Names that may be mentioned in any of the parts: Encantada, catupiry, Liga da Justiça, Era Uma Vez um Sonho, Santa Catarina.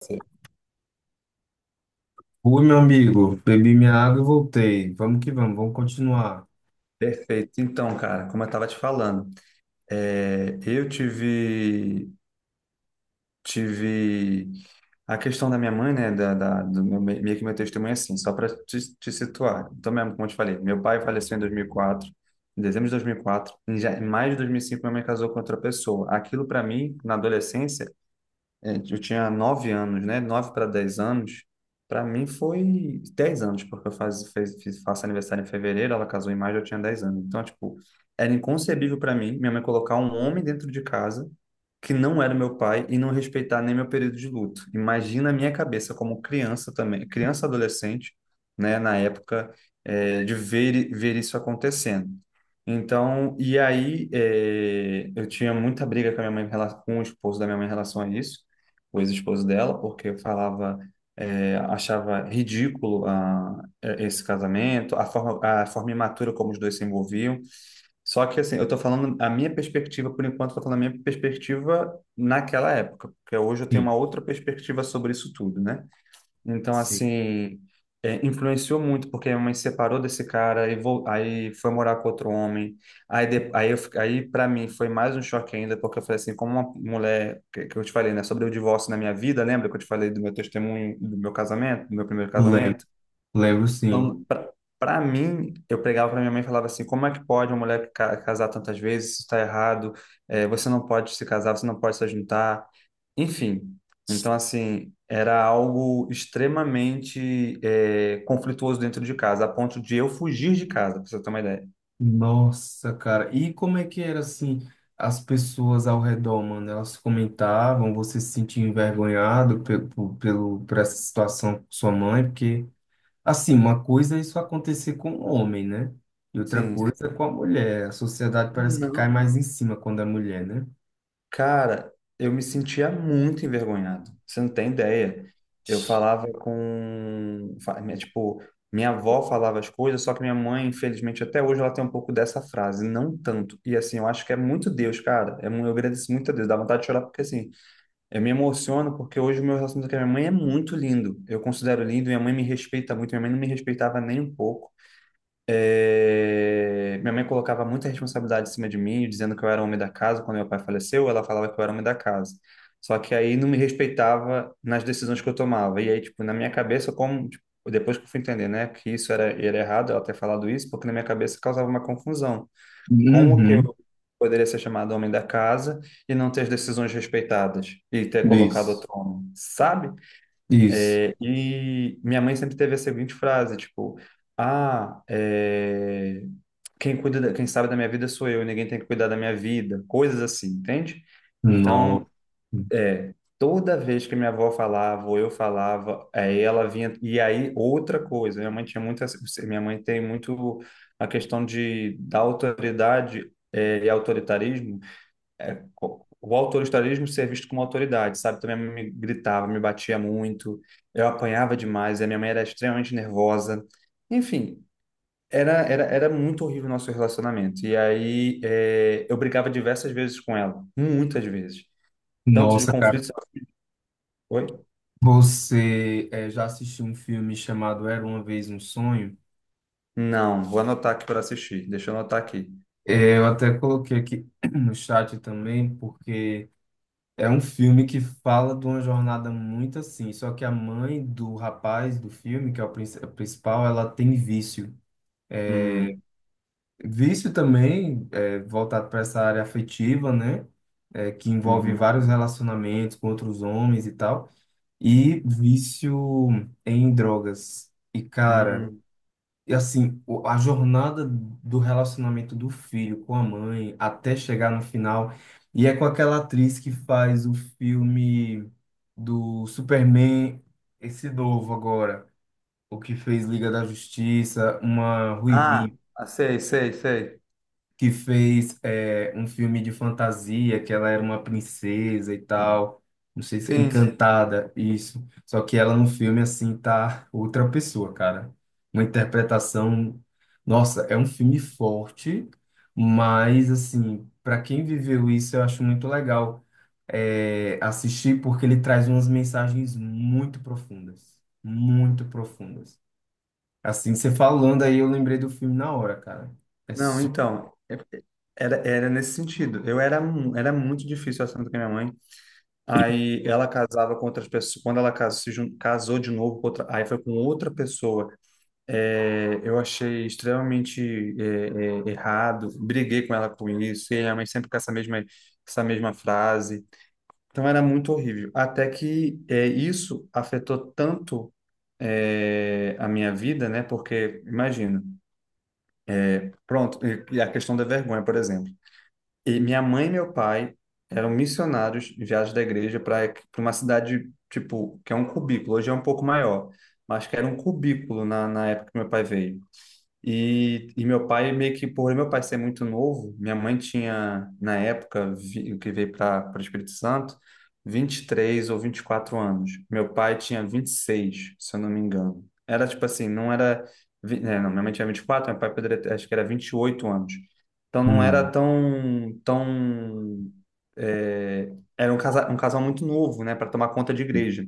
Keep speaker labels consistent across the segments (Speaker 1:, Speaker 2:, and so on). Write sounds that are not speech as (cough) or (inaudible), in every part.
Speaker 1: Sim.
Speaker 2: Oi, meu amigo, bebi minha água e voltei. Vamos que vamos, vamos continuar.
Speaker 1: Perfeito. Então, cara, como eu estava te falando, eu tive a questão da minha mãe, né, do meu, meio que meu testemunho é assim, só para te situar. Então, mesmo, como eu te falei, meu pai faleceu em 2004, em dezembro de 2004, em maio de 2005, minha mãe casou com outra pessoa. Aquilo para mim, na adolescência, eu tinha 9 anos, né? 9 para 10 anos. Para mim foi 10 anos, porque eu faço aniversário em fevereiro, ela casou em maio, eu tinha 10 anos. Então, tipo, era inconcebível para mim minha mãe colocar um homem dentro de casa que não era meu pai e não respeitar nem meu período de luto. Imagina a minha cabeça como criança também, criança adolescente, né? Na época, de ver isso acontecendo. Então, e aí, eu tinha muita briga com a minha mãe, com o esposo da minha mãe em relação a isso, o ex-esposo dela, porque falava, achava ridículo, esse casamento, a forma imatura como os dois se envolviam. Só que, assim, eu tô falando a minha perspectiva, por enquanto, eu tô falando a minha perspectiva naquela época, porque hoje eu tenho
Speaker 2: Sim.
Speaker 1: uma outra perspectiva sobre isso tudo, né? Então,
Speaker 2: Sim,
Speaker 1: assim, influenciou muito, porque minha mãe se separou desse cara, aí, aí foi morar com outro homem. Aí, de- aí, eu fi- aí para mim, foi mais um choque ainda, porque eu falei assim, como uma mulher, que eu te falei, né, sobre o divórcio na minha vida, lembra que eu te falei do meu testemunho, do meu casamento, do meu primeiro
Speaker 2: lembro,
Speaker 1: casamento?
Speaker 2: lembro sim.
Speaker 1: Então, pra mim, eu pregava pra minha mãe e falava assim, como é que pode uma mulher casar tantas vezes? Isso tá errado, você não pode se casar, você não pode se juntar. Enfim, então assim, era algo extremamente conflituoso dentro de casa, a ponto de eu fugir de casa, pra você ter uma ideia.
Speaker 2: Nossa, cara, e como é que era assim? As pessoas ao redor, mano, elas comentavam, você se sentia envergonhado pelo, por essa situação com sua mãe, porque, assim, uma coisa é isso acontecer com o homem, né? E outra
Speaker 1: Sim.
Speaker 2: coisa é com a mulher. A sociedade parece que cai
Speaker 1: Não,
Speaker 2: mais em cima quando é mulher, né?
Speaker 1: cara, eu me sentia muito envergonhado. Você não tem ideia. Eu falava com, fa- minha- tipo, minha avó falava as coisas, só que minha mãe, infelizmente, até hoje ela tem um pouco dessa frase, não tanto. E assim, eu acho que é muito Deus, cara. Eu agradeço muito a Deus, dá vontade de chorar, porque assim, eu me emociono, porque hoje o meu relacionamento com a minha mãe é muito lindo. Eu considero lindo, minha mãe me respeita muito, minha mãe não me respeitava nem um pouco. Minha mãe colocava muita responsabilidade em cima de mim, dizendo que eu era o homem da casa. Quando meu pai faleceu, ela falava que eu era o homem da casa. Só que aí não me respeitava nas decisões que eu tomava. E aí, tipo, na minha cabeça, como, tipo, depois que eu fui entender, né, que isso era errado, ela ter falado isso, porque na minha cabeça causava uma confusão. Como que eu
Speaker 2: Uhum,
Speaker 1: poderia ser chamado homem da casa e não ter as decisões respeitadas e ter colocado
Speaker 2: isso,
Speaker 1: outro homem, sabe?
Speaker 2: isso.
Speaker 1: E minha mãe sempre teve a seguinte frase, tipo, ah, é, quem sabe da minha vida sou eu, e ninguém tem que cuidar da minha vida, coisas assim, entende? Então,
Speaker 2: Nossa.
Speaker 1: é, toda vez que minha avó falava, ou eu falava, aí ela vinha. E aí, outra coisa, minha mãe tem muito a questão da autoridade, e autoritarismo. O autoritarismo ser visto como autoridade, sabe? Também me gritava, me batia muito, eu apanhava demais, e a minha mãe era extremamente nervosa. Enfim, era muito horrível o nosso relacionamento. E aí, eu brigava diversas vezes com ela, muitas vezes. Tanto de
Speaker 2: Nossa, cara,
Speaker 1: conflitos. Oi?
Speaker 2: você já assistiu um filme chamado Era Uma Vez um Sonho?
Speaker 1: Não, vou anotar aqui para assistir. Deixa eu anotar aqui.
Speaker 2: Eh, eu até coloquei aqui (clears throat) no chat também, porque é um filme que fala de uma jornada muito assim. Só que a mãe do rapaz do filme, que é o a principal, ela tem vício.
Speaker 1: Uhum,
Speaker 2: Vício também voltado para essa área afetiva, né? Eh, que envolve
Speaker 1: uhum,
Speaker 2: vários relacionamentos com outros homens e tal. E vício em drogas. E, cara.
Speaker 1: uhum.
Speaker 2: E assim, a jornada do relacionamento do filho com a mãe até chegar no final. E é com aquela atriz que faz o filme do Superman, esse novo agora, o que fez Liga da Justiça, uma
Speaker 1: Ah, ah, sei, sei, sei.
Speaker 2: que fez um filme de fantasia, que ela era uma princesa e tal. Não sei se é
Speaker 1: Sim.
Speaker 2: Encantada, isso. Só que ela no filme, assim, tá outra pessoa, cara. Uma interpretação. Nossa, é um filme forte, mas, assim, para quem viveu isso, eu acho muito legal assistir, porque ele traz umas mensagens muito profundas. Muito profundas. Assim, você falando aí, eu lembrei do filme na hora, cara. É
Speaker 1: Não,
Speaker 2: super.
Speaker 1: então, era nesse sentido. Eu era muito difícil, o assunto com a minha mãe. Aí ela casava com outras pessoas. Quando ela casou, se jun- casou de novo com outra, aí foi com outra pessoa. Eu achei extremamente errado. Briguei com ela com isso. E a minha mãe sempre com essa mesma frase. Então era muito horrível. Até que isso afetou tanto a minha vida, né? Porque, imagina, pronto, e a questão da vergonha, por exemplo. E minha mãe e meu pai eram missionários de viagem da igreja para uma cidade, tipo, que é um cubículo, hoje é um pouco maior, mas que era um cubículo na época que meu pai veio. E meu pai meio que, por meu pai ser muito novo, minha mãe tinha, na época, que veio para o Espírito Santo, 23 ou 24 anos. Meu pai tinha 26, se eu não me engano. Era tipo assim, não era. Não, minha mãe tinha 24, meu pai poderia ter, acho que era 28 anos. Então não era tão, tão é, era um casal, muito novo, né, para tomar conta de igreja.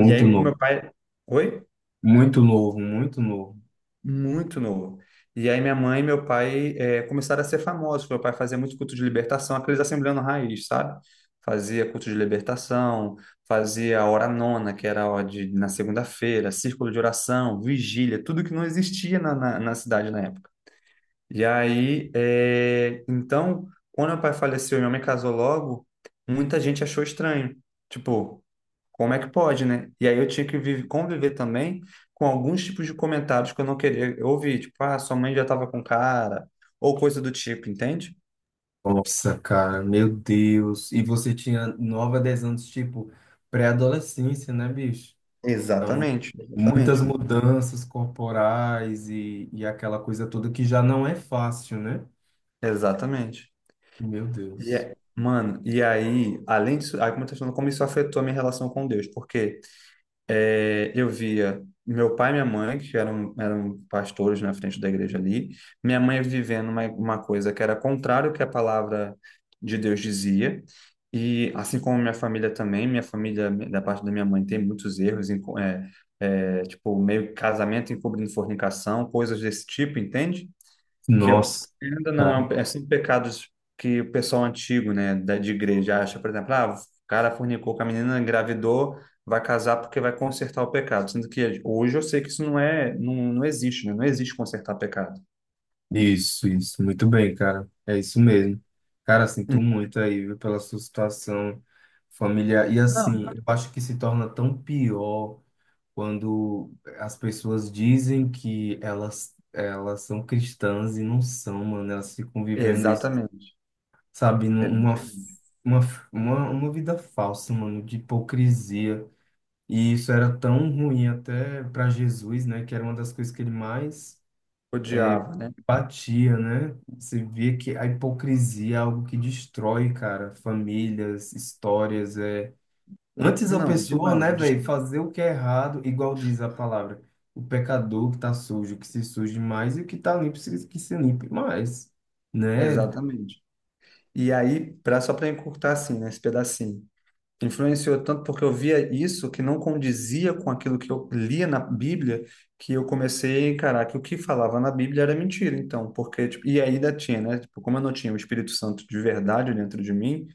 Speaker 1: E aí, com
Speaker 2: novo,
Speaker 1: meu pai. Oi?
Speaker 2: muito novo, muito novo.
Speaker 1: Muito novo. E aí minha mãe e meu pai começaram a ser famosos. Meu pai fazia muito culto de libertação, aqueles assembleando raiz, sabe? Fazia culto de libertação, fazia a hora nona, que era a hora de, na segunda-feira, círculo de oração, vigília, tudo que não existia na cidade na época. E aí, então, quando meu pai faleceu e minha mãe casou logo, muita gente achou estranho. Tipo, como é que pode, né? E aí eu tinha que conviver também com alguns tipos de comentários que eu não queria ouvir, tipo, ah, sua mãe já estava com cara, ou coisa do tipo, entende?
Speaker 2: Nossa, cara, meu Deus. E você tinha 9 a 10 anos, tipo, pré-adolescência, né, bicho?
Speaker 1: Exatamente,
Speaker 2: Muitas
Speaker 1: exatamente,
Speaker 2: mudanças corporais e aquela coisa toda que já não é fácil, né?
Speaker 1: exatamente.
Speaker 2: Meu Deus.
Speaker 1: Mano, e aí, além disso, aí como eu tô falando, como isso afetou a minha relação com Deus, porque eu via meu pai e minha mãe, que eram pastores na frente da igreja ali, minha mãe vivendo uma coisa que era contrário ao que a palavra de Deus dizia, e assim como minha família também, minha família, da parte da minha mãe, tem muitos erros, tipo, meio casamento encobrindo fornicação, coisas desse tipo, entende? Que eu-
Speaker 2: Nossa,
Speaker 1: ainda não é,
Speaker 2: cara.
Speaker 1: um, É sempre pecados que o pessoal antigo, né, de igreja acha, por exemplo, ah, o cara fornicou com a menina, engravidou, vai casar porque vai consertar o pecado, sendo que hoje eu sei que isso não existe, né? Não existe consertar pecado.
Speaker 2: Isso, isso. Muito bem, cara. É isso mesmo. Cara, sinto
Speaker 1: Hum,
Speaker 2: muito aí, viu, pela sua situação familiar. E
Speaker 1: Não,
Speaker 2: assim, eu acho que se torna tão pior quando as pessoas dizem que elas são cristãs e não são, mano, elas ficam vivendo isso,
Speaker 1: exatamente.
Speaker 2: sabe, numa
Speaker 1: Exatamente.
Speaker 2: uma, uma vida falsa, mano, de hipocrisia. E isso era tão ruim até para Jesus, né, que era uma das coisas que ele mais
Speaker 1: Odiava, né?
Speaker 2: batia, né? Você via que a hipocrisia é algo que destrói, cara, famílias, histórias, é, antes a
Speaker 1: Não,
Speaker 2: pessoa,
Speaker 1: demais.
Speaker 2: né, velho, fazer o que é errado, igual diz a palavra, o pecador que tá sujo, que se suje mais, e o que tá limpo, que se limpe mais, né?
Speaker 1: Exatamente. E aí, só para encurtar assim, né, esse pedacinho. Influenciou tanto porque eu via isso que não condizia com aquilo que eu lia na Bíblia, que eu comecei a encarar que o que falava na Bíblia era mentira. Então, porque, tipo, e ainda tinha, né? Tipo, como eu não tinha o Espírito Santo de verdade dentro de mim,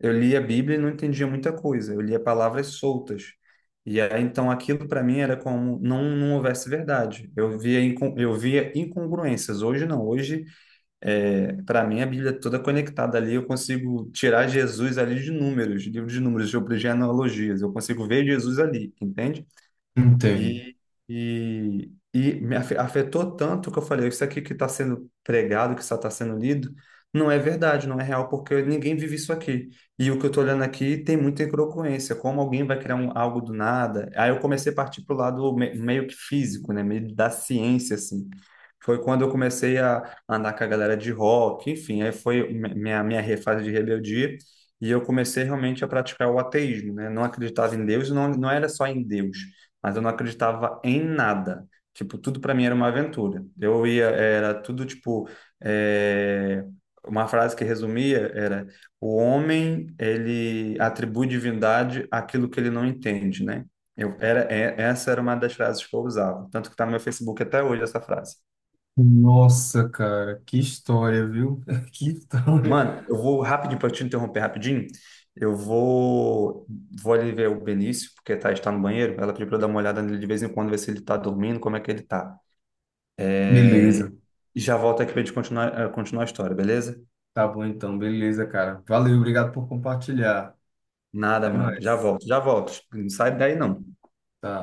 Speaker 1: eu lia a Bíblia e não entendia muita coisa. Eu lia palavras soltas. E aí, então, aquilo para mim era como não houvesse verdade. Eu via incongruências. Hoje não. Hoje, é, para mim, a Bíblia é toda conectada ali. Eu consigo tirar Jesus ali de números, de livro de números, sobre genealogias. Eu consigo ver Jesus ali, entende?
Speaker 2: Entendo.
Speaker 1: E, e me afetou tanto que eu falei, isso aqui que está sendo pregado, que só está sendo lido, não é verdade, não é real, porque ninguém vive isso aqui. E o que eu estou olhando aqui tem muita incongruência, como alguém vai criar algo do nada. Aí eu comecei a partir para o lado meio que físico, né, meio da ciência, assim. Foi quando eu comecei a andar com a galera de rock, enfim, aí foi minha fase de rebeldia, e eu comecei realmente a praticar o ateísmo, né? Não acreditava em Deus, não, era só em Deus, mas eu não acreditava em nada. Tipo, tudo para mim era uma aventura. Eu ia, era tudo tipo. é, Uma frase que resumia era: o homem, ele atribui divindade àquilo que ele não entende, né? Essa era uma das frases que eu usava. Tanto que tá no meu Facebook até hoje essa frase.
Speaker 2: Nossa, cara, que história, viu? (laughs) Que história.
Speaker 1: Mano, eu vou rapidinho para te interromper rapidinho. Eu vou ali ver o Benício, porque está no banheiro. Ela pediu para eu dar uma olhada nele de vez em quando, ver se ele tá dormindo, como é que ele tá.
Speaker 2: Beleza.
Speaker 1: É, E já volto aqui pra gente continuar a história, beleza?
Speaker 2: Tá bom então, beleza, cara. Valeu, obrigado por compartilhar.
Speaker 1: Nada,
Speaker 2: Até
Speaker 1: mano. Já
Speaker 2: mais.
Speaker 1: volto, já volto. Não sai daí, não.
Speaker 2: Tá.